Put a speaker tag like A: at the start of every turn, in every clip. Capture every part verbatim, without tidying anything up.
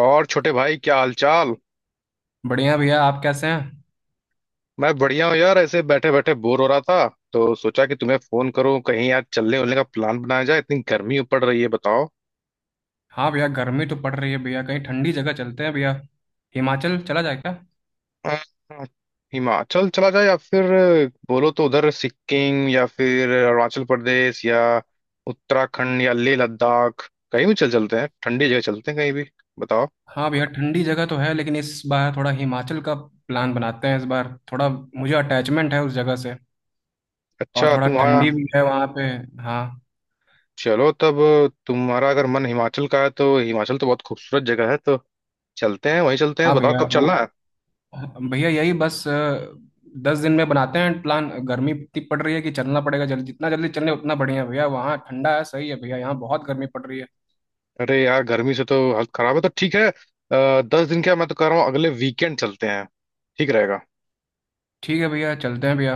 A: और छोटे भाई, क्या हालचाल।
B: बढ़िया भैया। आप कैसे हैं।
A: मैं बढ़िया हूँ यार। ऐसे बैठे बैठे बोर हो रहा था तो सोचा कि तुम्हें फोन करूँ, कहीं यार चलने उलने का प्लान बनाया जाए। इतनी गर्मी पड़ रही है, बताओ।
B: हाँ भैया, गर्मी तो पड़ रही है भैया। कहीं ठंडी जगह चलते हैं भैया। हिमाचल चला जाए क्या।
A: अ, हिमाचल चला जाए या फिर बोलो तो उधर सिक्किम या फिर अरुणाचल प्रदेश, या उत्तराखंड या लेह लद्दाख, कहीं भी चल चलते हैं। ठंडी जगह चलते हैं कहीं भी। बताओ।
B: हाँ भैया, ठंडी जगह तो है लेकिन इस बार थोड़ा हिमाचल का प्लान बनाते हैं। इस बार थोड़ा मुझे अटैचमेंट है उस जगह से। और
A: अच्छा,
B: थोड़ा
A: तुम्हारा।
B: ठंडी भी है वहाँ पे। हाँ
A: चलो तब। तुम्हारा अगर मन हिमाचल का है तो हिमाचल तो बहुत खूबसूरत जगह है, तो चलते हैं, वहीं चलते हैं।
B: हाँ
A: बताओ
B: भैया,
A: कब
B: वो
A: चलना है।
B: भैया यही बस अ, दस दिन में बनाते हैं प्लान। गर्मी इतनी पड़ रही है कि चलना पड़ेगा जल्दी। जितना जल्दी चले उतना बढ़िया है भैया। वहाँ ठंडा है, सही है भैया। यहाँ बहुत गर्मी पड़ रही है।
A: अरे यार, गर्मी से तो हालत खराब है। तो ठीक है, आ, दस दिन क्या, मैं तो कह रहा हूँ अगले वीकेंड चलते हैं। ठीक रहेगा।
B: ठीक है भैया, चलते हैं भैया।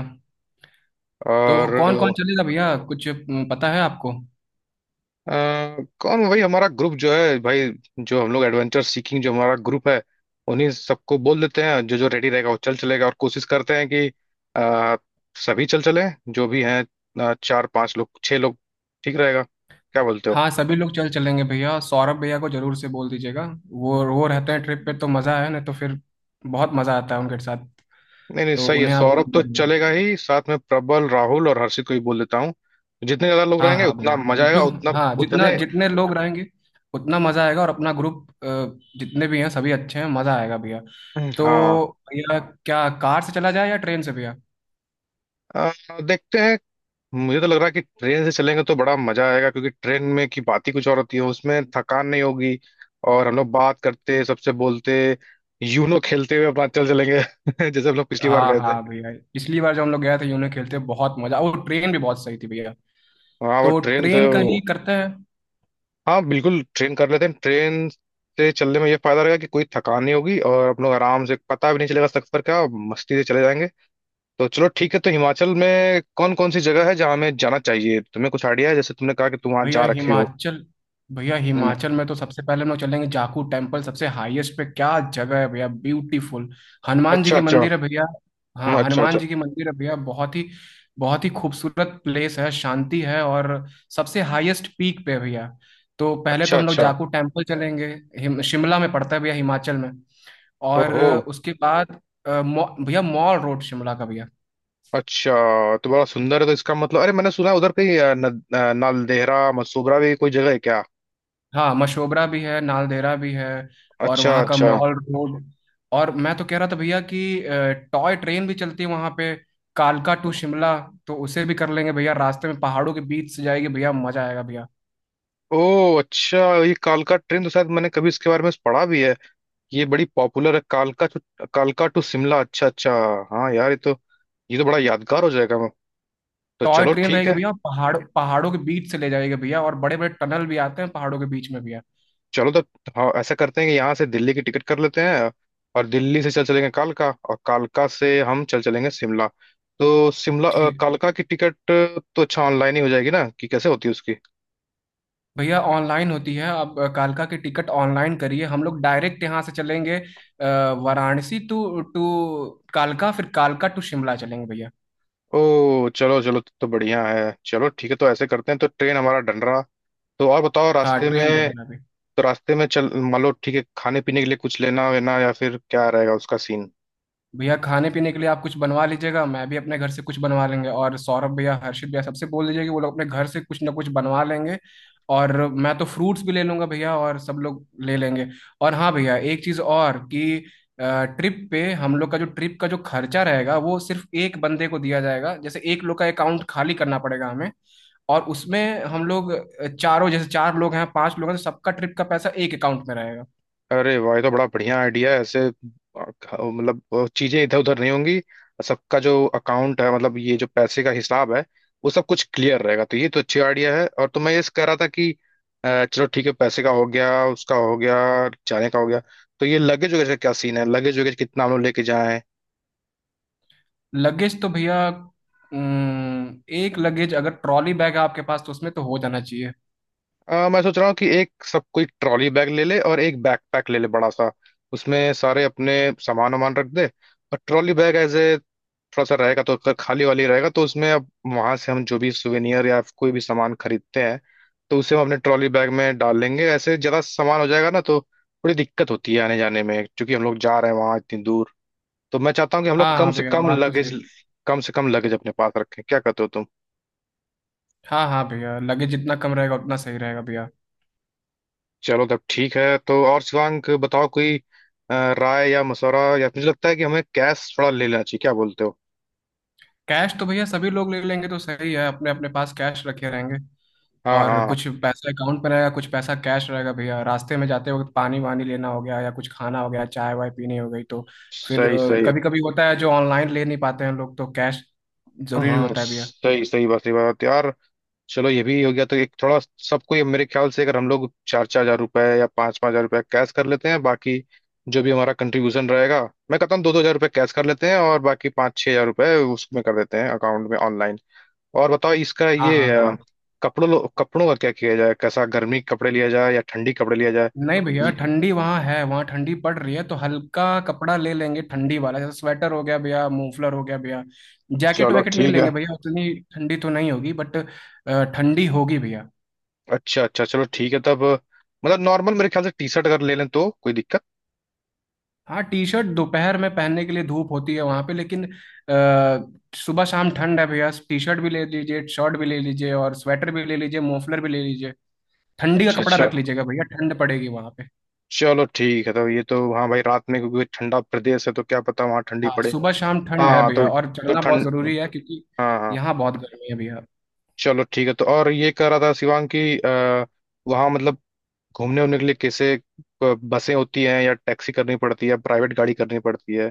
B: तो कौन कौन
A: और
B: चलेगा भैया, कुछ अम, पता है आपको।
A: अ, कौन भाई, हमारा ग्रुप जो है भाई, जो हम लोग एडवेंचर सीकिंग, जो हमारा ग्रुप है, उन्हीं सबको बोल देते हैं। जो जो रेडी रहेगा वो चल चलेगा, और कोशिश करते हैं कि अ, सभी चल चले। जो भी हैं, अ, चार पांच लोग, छह लोग। ठीक रहेगा, क्या बोलते हो।
B: हाँ सभी लोग चल चलेंगे भैया। सौरभ भैया को जरूर से बोल दीजिएगा। वो वो रहते हैं ट्रिप पे तो मज़ा है, नहीं तो फिर बहुत मज़ा आता है उनके साथ।
A: नहीं नहीं,
B: तो
A: सही है।
B: उन्हें आप
A: सौरभ
B: बोल
A: तो
B: दीजिएगा।
A: चलेगा ही, साथ में प्रबल, राहुल और हर्षित को भी बोल देता हूँ। जितने ज्यादा लोग
B: हाँ
A: रहेंगे
B: हाँ
A: उतना
B: भैया,
A: मजा आएगा,
B: जो
A: उतना।
B: हाँ, जितना
A: उतने।
B: जितने लोग रहेंगे उतना मज़ा आएगा। और अपना ग्रुप जितने भी हैं सभी अच्छे हैं, मज़ा आएगा भैया। तो
A: हाँ,
B: भैया, क्या कार से चला जाए या ट्रेन से भैया।
A: अ, देखते हैं। मुझे तो लग रहा है कि ट्रेन से चलेंगे तो बड़ा मजा आएगा, क्योंकि ट्रेन में की बात ही कुछ और होती है। उसमें थकान नहीं होगी, और हम लोग बात करते, सबसे बोलते, यूनो खेलते हुए अपना चल चलेंगे। जैसे हम लोग पिछली बार
B: हाँ
A: गए थे।
B: हाँ भैया, पिछली बार जब हम लोग गए थे यूनो खेलते बहुत मज़ा। वो ट्रेन भी बहुत सही थी भैया।
A: हाँ वो
B: तो
A: ट्रेन तो।
B: ट्रेन का ही करते हैं।
A: हाँ बिल्कुल, ट्रेन कर लेते हैं। ट्रेन से चलने में ये फायदा रहेगा कि कोई थकान नहीं होगी और हम लोग आराम से, पता भी नहीं चलेगा सफर का, मस्ती से चले जाएंगे। तो चलो ठीक है, तो हिमाचल में कौन कौन सी जगह है जहाँ हमें जाना चाहिए? तुम्हें कुछ आइडिया है, जैसे तुमने कहा कि तुम वहां
B: भैया
A: जा रखे हो।
B: हिमाचल, भैया
A: हम्म,
B: हिमाचल में तो सबसे पहले हम लोग चलेंगे जाकू टेम्पल। सबसे हाईएस्ट पे क्या जगह है भैया, ब्यूटीफुल। हनुमान जी
A: अच्छा
B: की
A: अच्छा।
B: मंदिर है भैया।
A: हम्म,
B: हाँ
A: अच्छा
B: हनुमान
A: अच्छा।
B: जी की मंदिर है भैया। बहुत ही बहुत ही खूबसूरत प्लेस है, शांति है और सबसे हाईएस्ट पीक पे है भैया। तो पहले तो
A: अच्छा
B: हम लोग
A: अच्छा।
B: जाकू टेम्पल चलेंगे। हिम, शिमला में पड़ता है भैया, हिमाचल में।
A: हो
B: और
A: हो।
B: उसके बाद अ, मॉ- भैया मॉल रोड शिमला का भैया।
A: अच्छा, तो बड़ा सुंदर है। तो इसका मतलब, अरे मैंने सुना है उधर कहीं अ, न, अ, नालदेहरा मसूबरा भी कोई जगह है क्या?
B: हाँ मशोबरा भी है, नालदेहरा भी है। और
A: अच्छा
B: वहाँ का
A: अच्छा।
B: Mall road. और मैं तो कह रहा था भैया कि अ, टॉय ट्रेन भी चलती है वहाँ पे, कालका टू शिमला। तो उसे भी कर लेंगे भैया। रास्ते में पहाड़ों के बीच से जाएगी भैया, मजा आएगा भैया।
A: ओ, अच्छा। ये कालका ट्रेन तो शायद मैंने कभी इसके बारे में पढ़ा भी है। ये बड़ी पॉपुलर है, कालका टू, कालका टू शिमला। अच्छा अच्छा। हाँ यार, ये तो ये तो बड़ा यादगार हो जाएगा। तो
B: टॉय
A: चलो
B: ट्रेन
A: ठीक
B: रहेगी
A: है।
B: भैया, पहाड़ पहाड़ों के बीच से ले जाएगी भैया। और बड़े बड़े टनल भी आते हैं पहाड़ों के बीच में भैया।
A: चलो तो। हाँ, ऐसा करते हैं कि यहाँ से दिल्ली की टिकट कर लेते हैं। और दिल्ली से चल चलेंगे कालका, और कालका से हम चल चलेंगे शिमला। तो शिमला अ,
B: ठीक।
A: कालका की टिकट तो अच्छा, ऑनलाइन ही हो जाएगी ना, कि कैसे होती है उसकी?
B: भैया ऑनलाइन होती है। अब अ, कालका की टिकट ऑनलाइन करिए। हम लोग डायरेक्ट यहाँ से चलेंगे अ, वाराणसी टू टू कालका, फिर कालका टू शिमला चलेंगे भैया।
A: ओ, चलो चलो, तो तो बढ़िया है। चलो ठीक है, तो ऐसे करते हैं। तो ट्रेन हमारा डन रहा। तो और बताओ,
B: हाँ
A: रास्ते
B: ट्रेन बन
A: में।
B: रहा है अभी।
A: तो रास्ते में, चल मान लो ठीक है, खाने पीने के लिए कुछ लेना वेना, या फिर क्या रहेगा उसका सीन?
B: भैया खाने पीने के लिए आप कुछ बनवा लीजिएगा, मैं भी अपने घर से कुछ बनवा लेंगे। और सौरभ भैया हर्षित भैया सबसे बोल दीजिए कि वो लोग अपने घर से कुछ ना कुछ बनवा लेंगे। और मैं तो फ्रूट्स भी ले लूंगा भैया, और सब लोग ले लेंगे। और हाँ भैया एक चीज़ और कि ट्रिप पे हम लोग का जो ट्रिप का जो खर्चा रहेगा वो सिर्फ एक बंदे को दिया जाएगा। जैसे एक लोग का अकाउंट खाली करना पड़ेगा हमें। और उसमें हम लोग अ, चारों, जैसे चार लोग हैं पांच लोग हैं, तो सबका ट्रिप का पैसा एक अकाउंट में रहेगा।
A: अरे वाह, ये तो बड़ा बढ़िया आइडिया है। ऐसे अ, ख- मतलब अ, चीजें इधर उधर नहीं होंगी। सबका जो अकाउंट है, मतलब ये जो पैसे का हिसाब है, वो सब कुछ क्लियर रहेगा। तो ये तो अच्छी आइडिया है। और तो मैं ये कह रहा था कि अ, चलो ठीक है, पैसे का हो गया, उसका हो गया, जाने का हो गया। तो ये लगेज वगैरह का क्या सीन है, लगेज वगैरह कितना हम लोग लेके जाएं?
B: लगेज तो भैया अम्म, एक लगेज अगर ट्रॉली बैग है आपके पास तो उसमें तो हो जाना चाहिए।
A: आ, मैं सोच रहा हूँ कि एक सब कोई ट्रॉली बैग ले ले और एक बैकपैक ले ले बड़ा सा, उसमें सारे अपने सामान वामान रख दे। और ट्रॉली बैग एज ए थोड़ा सा रहेगा, तो उसका खाली वाली रहेगा, तो उसमें अब वहां से हम जो भी सुवेनियर या कोई भी सामान खरीदते हैं तो उसे हम अपने ट्रॉली बैग में डाल लेंगे। ऐसे ज्यादा सामान हो जाएगा ना, तो थोड़ी दिक्कत होती है आने जाने में, क्योंकि हम लोग जा रहे हैं वहां इतनी दूर। तो मैं चाहता हूँ कि हम लोग
B: हाँ
A: कम
B: हाँ
A: से
B: भैया,
A: कम
B: बात तो
A: लगेज,
B: सही।
A: कम से कम लगेज अपने पास रखें। क्या कहते हो तुम?
B: हाँ हाँ भैया, लगेज जितना कम रहेगा उतना सही रहेगा भैया।
A: चलो तब ठीक है। तो और शिवांक, बताओ कोई अ, राय या मशवरा, या मुझे लगता है कि हमें कैश थोड़ा ले लेना चाहिए, क्या बोलते हो?
B: कैश तो भैया सभी लोग ले लेंगे तो सही है, अपने अपने पास कैश रखे रहेंगे।
A: हाँ
B: और
A: हाँ।
B: कुछ पैसा अकाउंट में रहेगा, कुछ पैसा कैश रहेगा भैया। रास्ते में जाते वक्त पानी वानी लेना हो गया, या कुछ खाना हो गया, चाय वाय पीनी हो गई, तो फिर
A: सही सही।
B: कभी कभी होता है जो ऑनलाइन ले नहीं पाते हैं लोग तो कैश जरूरी
A: हम्म,
B: होता है भैया।
A: सही सही बात, सही बात यार। चलो ये भी हो गया। तो एक थोड़ा, सबको ये मेरे ख्याल से अगर हम लोग चार चार हजार रुपए या पाँच पाँच हजार रुपए कैश कर लेते हैं, बाकी जो भी हमारा कंट्रीब्यूशन रहेगा, मैं कहता हूँ दो दो हजार रुपए कैश कर लेते हैं और बाकी पाँच छह हजार रुपए उसमें कर देते हैं, अकाउंट में, ऑनलाइन। और बताओ इसका,
B: हाँ
A: ये
B: हाँ
A: अ,
B: भैया।
A: कपड़ों लो- कपड़ों का क्या किया जाए? कैसा, गर्मी के कपड़े लिया जाए या ठंडी कपड़े लिया जाए?
B: नहीं भैया,
A: ये
B: ठंडी वहाँ है, वहाँ ठंडी पड़ रही है, तो हल्का कपड़ा ले लेंगे ठंडी वाला। जैसे स्वेटर हो गया भैया, मफलर हो गया भैया। जैकेट
A: चलो
B: वैकेट नहीं
A: ठीक
B: लेंगे
A: है,
B: भैया, उतनी ठंडी तो नहीं होगी, बट अ, ठंडी होगी भैया।
A: अच्छा अच्छा। चलो ठीक है तब। मतलब नॉर्मल, मेरे ख्याल से टी शर्ट अगर ले लें तो कोई दिक्कत।
B: हाँ टी शर्ट दोपहर में पहनने के लिए, धूप होती है वहाँ पे, लेकिन अ, सुबह शाम ठंड है भैया। टी शर्ट भी ले लीजिए, शर्ट भी ले लीजिए, और स्वेटर भी ले लीजिए, मफलर भी ले लीजिए। ठंडी का
A: अच्छा
B: कपड़ा
A: अच्छा,
B: रख लीजिएगा भैया, ठंड पड़ेगी वहाँ पे।
A: चलो ठीक है। तो ये तो, हाँ भाई, रात में क्योंकि ठंडा प्रदेश है तो क्या पता वहाँ ठंडी
B: हाँ
A: पड़े।
B: सुबह शाम ठंड है
A: हाँ तो
B: भैया, और
A: तो
B: चलना बहुत
A: ठंड,
B: जरूरी है क्योंकि
A: हाँ हाँ।
B: यहाँ बहुत गर्मी है भैया।
A: चलो ठीक है। तो और ये कह रहा था शिवांग कि अ, वहाँ मतलब घूमने उमने के लिए कैसे, अ, बसें होती हैं या टैक्सी करनी पड़ती है या प्राइवेट गाड़ी करनी पड़ती है?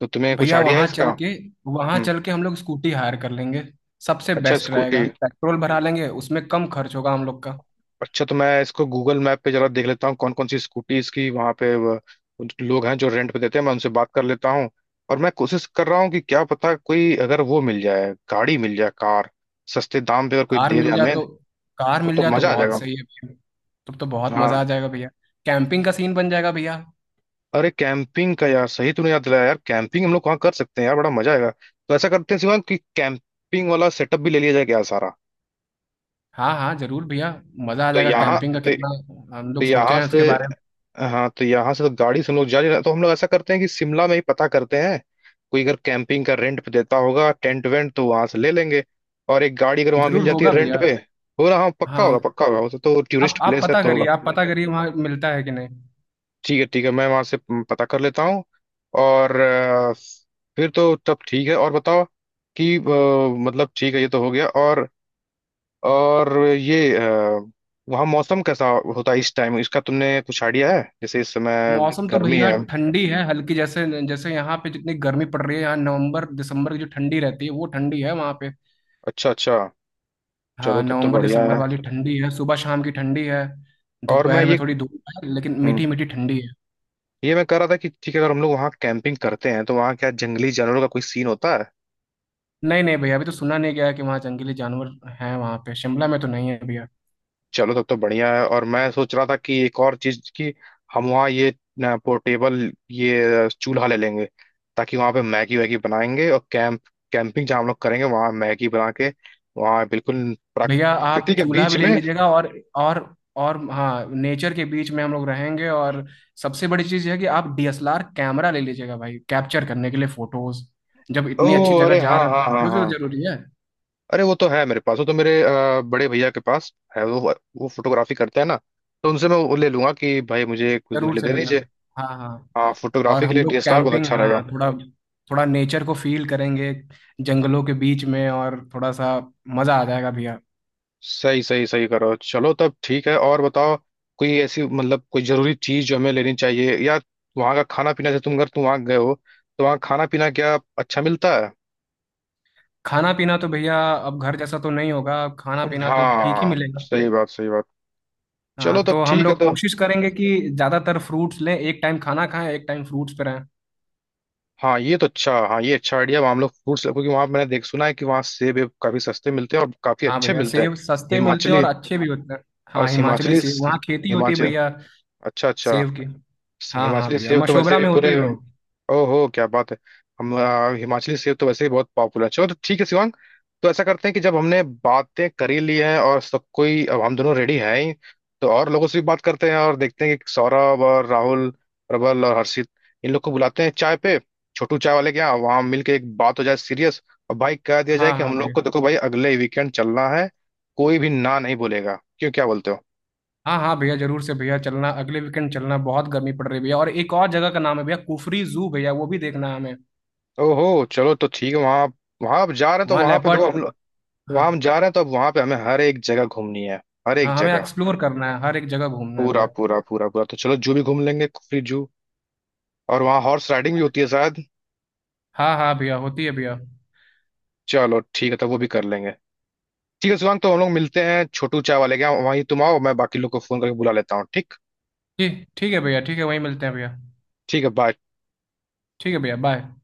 A: तो तुम्हें कुछ
B: भैया
A: आइडिया है
B: वहां
A: इसका?
B: चल के, वहां
A: हम्म,
B: चल के हम लोग स्कूटी हायर कर लेंगे। सबसे
A: अच्छा
B: बेस्ट
A: स्कूटी।
B: रहेगा, पेट्रोल भरा लेंगे उसमें, कम खर्च होगा हम लोग का।
A: अच्छा, तो मैं इसको गूगल मैप पे जरा देख लेता हूँ कौन कौन सी स्कूटीज की वहाँ पे व- उन- लोग हैं जो रेंट पे देते हैं। मैं उनसे बात कर लेता हूँ। और मैं कोशिश कर रहा हूँ कि क्या पता, कोई अगर वो मिल जाए, गाड़ी मिल जाए, कार, सस्ते दाम पे अगर कोई
B: कार
A: दे दे
B: मिल जाए
A: हमें,
B: तो, कार मिल
A: तो
B: जाए तो
A: मजा आ
B: बहुत
A: जाएगा।
B: सही है भैया। तब तो बहुत मजा आ
A: हाँ।
B: जाएगा भैया, कैंपिंग का सीन बन जाएगा भैया।
A: अरे कैंपिंग का, यार सही तूने याद दिलाया। यार कैंपिंग हम लोग वहाँ कर सकते हैं, यार बड़ा मजा आएगा। तो ऐसा करते हैं शिवांग, कि कैंपिंग वाला सेटअप भी ले लिया जाए क्या सारा?
B: हाँ हाँ जरूर भैया, मजा आ
A: तो
B: जाएगा
A: यहाँ
B: कैंपिंग का।
A: तो
B: कितना
A: तो
B: हम लोग सोचे
A: यहाँ
B: हैं
A: से
B: उसके बारे में।
A: हाँ, तो यहाँ से तो गाड़ी से हम लोग जा नहीं रहे हैं। तो हम लोग ऐसा करते हैं कि शिमला में ही पता करते हैं, कोई अगर कैंपिंग का रेंट पे देता होगा, टेंट वेंट, तो वहां से ले लेंगे। और एक गाड़ी अगर वहां मिल
B: जरूर
A: जाती है
B: होगा
A: रेंट
B: भैया।
A: पे। हो रहा, हाँ पक्का होगा,
B: हाँ
A: पक्का होगा वो तो तो
B: आप
A: टूरिस्ट
B: आप
A: प्लेस है
B: पता
A: तो
B: करिए,
A: होगा।
B: आप पता करिए वहाँ मिलता है कि नहीं।
A: ठीक है ठीक है, मैं वहां से पता कर लेता हूँ। और अ, फिर तो तब ठीक है, और बताओ कि अ, मतलब ठीक है, ये तो हो गया। और और ये अ, वहाँ मौसम कैसा होता है इस टाइम, इसका तुमने कुछ आइडिया है? जैसे इस समय
B: मौसम तो
A: गर्मी
B: भैया
A: है।
B: ठंडी है हल्की। जैसे जैसे यहाँ पे जितनी गर्मी पड़ रही है, यहाँ नवंबर दिसंबर की जो ठंडी रहती है वो ठंडी है वहाँ पे।
A: अच्छा अच्छा, चलो
B: हाँ
A: तब तो
B: नवंबर
A: बढ़िया
B: दिसंबर
A: है।
B: वाली ठंडी है, सुबह शाम की ठंडी है।
A: और मैं
B: दोपहर में
A: ये
B: थोड़ी धूप है, लेकिन
A: हम्म,
B: मीठी मीठी ठंडी है।
A: ये मैं कह रहा था कि ठीक है, अगर हम लोग वहाँ कैंपिंग करते हैं तो वहाँ क्या जंगली जानवरों का कोई सीन होता है?
B: नहीं नहीं भैया, अभी तो सुना नहीं गया है कि वहाँ जंगली जानवर हैं। वहाँ पे शिमला में तो नहीं है भैया।
A: चलो तब तो बढ़िया है। और मैं सोच रहा था कि एक और चीज की, हम वहाँ ये पोर्टेबल ये चूल्हा ले लेंगे, ताकि वहाँ पे मैगी वैगी बनाएंगे। और कैंप कैंपिंग जहाँ हम लोग करेंगे, वहाँ मैगी बना के, वहाँ बिल्कुल
B: भैया
A: प्राकृति
B: आप
A: के
B: चूल्हा
A: बीच
B: भी ले
A: में।
B: लीजिएगा, और और और हाँ नेचर के बीच में हम लोग रहेंगे। और सबसे बड़ी चीज़ यह है कि आप D S L R camera ले लीजिएगा भाई, कैप्चर करने के लिए फोटोज। जब इतनी अच्छी
A: ओह,
B: जगह
A: अरे
B: जा
A: हाँ
B: रहे हैं
A: हाँ
B: तो
A: हाँ
B: फोटोज भी
A: हाँ।
B: जरूरी है।
A: अरे वो तो है मेरे पास, वो तो मेरे अ, बड़े भैया के पास है वो वो फोटोग्राफी करते हैं ना, तो उनसे मैं वो ले लूंगा कि भाई मुझे कुछ दिन के
B: जरूर
A: लिए
B: से
A: दे
B: भैया,
A: दीजिए।
B: हाँ हाँ।
A: हाँ,
B: और
A: फोटोग्राफी के
B: हम
A: लिए
B: लोग
A: डी एस एल आर बहुत
B: कैंपिंग,
A: अच्छा रहेगा।
B: हाँ थोड़ा थोड़ा नेचर को फील करेंगे जंगलों के बीच में, और थोड़ा सा मज़ा आ जाएगा भैया।
A: सही सही सही, करो चलो तब ठीक है। और बताओ, कोई ऐसी मतलब कोई जरूरी चीज जो हमें लेनी चाहिए? या वहाँ का खाना पीना, जैसे तुम अगर तुम वहाँ गए हो, तो वहाँ खाना पीना क्या अच्छा मिलता है?
B: खाना पीना तो भैया अब घर जैसा तो नहीं होगा, खाना पीना तो ठीक ही
A: हाँ
B: मिलेगा।
A: सही बात, सही बात। चलो
B: हाँ,
A: तब
B: तो हम
A: ठीक है।
B: लोग
A: तो
B: कोशिश करेंगे कि ज्यादातर फ्रूट्स लें, एक टाइम खाना खाएं, एक टाइम फ्रूट्स पे रहें।
A: हाँ ये तो अच्छा, हाँ ये अच्छा आइडिया। वहाँ हम लोग फ्रूट्स, क्योंकि वहाँ मैंने देख सुना है कि वहाँ सेब वेब काफी सस्ते मिलते हैं और काफी
B: हाँ
A: अच्छे
B: भैया,
A: मिलते हैं।
B: सेब सस्ते मिलते हैं
A: हिमाचली
B: और अच्छे भी होते हैं।
A: और
B: हाँ हिमाचली
A: हिमाचली
B: सेब, वहाँ खेती होती है
A: हिमाचल
B: भैया
A: अच्छा अच्छा।
B: सेब की।
A: स-
B: हाँ हाँ
A: हिमाचली
B: भैया,
A: सेब तो वैसे
B: मशोबरा
A: भी
B: में होती है
A: पूरे।
B: भैया।
A: ओहो, क्या बात है। हम आ, हिमाचली सेब तो वैसे भी बहुत पॉपुलर है। चलो तो ठीक है शिवांग। तो ऐसा करते हैं कि जब हमने बातें कर ही ली हैं और सब कोई, अब हम दोनों रेडी हैं ही, तो और लोगों से भी बात करते हैं। और देखते हैं कि सौरभ और राहुल, प्रबल और हर्षित, इन लोग को बुलाते हैं चाय पे, छोटू चाय वाले के यहाँ, वहाँ मिलके एक बात हो जाए सीरियस। और भाई कह दिया जाए
B: हाँ
A: कि
B: हाँ
A: हम लोग को,
B: भैया।
A: देखो भाई, अगले वीकेंड चलना है, कोई भी ना नहीं बोलेगा। क्यों, क्या बोलते हो?
B: हाँ हाँ भैया जरूर से भैया, चलना अगले वीकेंड, चलना बहुत गर्मी पड़ रही है भैया। और एक और जगह का नाम है भैया, कुफरी जू भैया, वो भी देखना है हमें।
A: ओहो, चलो तो ठीक है। वहाँ, वहां आप जा रहे हैं तो
B: वहाँ
A: वहां पे दो।
B: लेपर्ड।
A: वहां
B: हाँ
A: हम जा रहे हैं तो अब वहां पे हमें हर एक जगह घूमनी है, हर
B: हाँ
A: एक
B: हमें
A: जगह।
B: एक्सप्लोर करना है, हर एक जगह घूमना है
A: पूरा
B: भैया।
A: पूरा पूरा पूरा। तो चलो, जू भी घूम लेंगे, कुफरी जू। और वहाँ हॉर्स राइडिंग भी होती है शायद।
B: हाँ हाँ भैया होती है भैया।
A: चलो ठीक है, तो वो भी कर लेंगे। ठीक है शिवांग, तो हम लोग मिलते हैं छोटू चाय वाले के यहाँ। वहीं तुम आओ, मैं बाकी लोग को फोन करके बुला लेता हूँ। ठीक।
B: ठीक ठीक है भैया, ठीक है, वहीं मिलते हैं भैया।
A: ठीक है, बाय।
B: ठीक है भैया, बाय।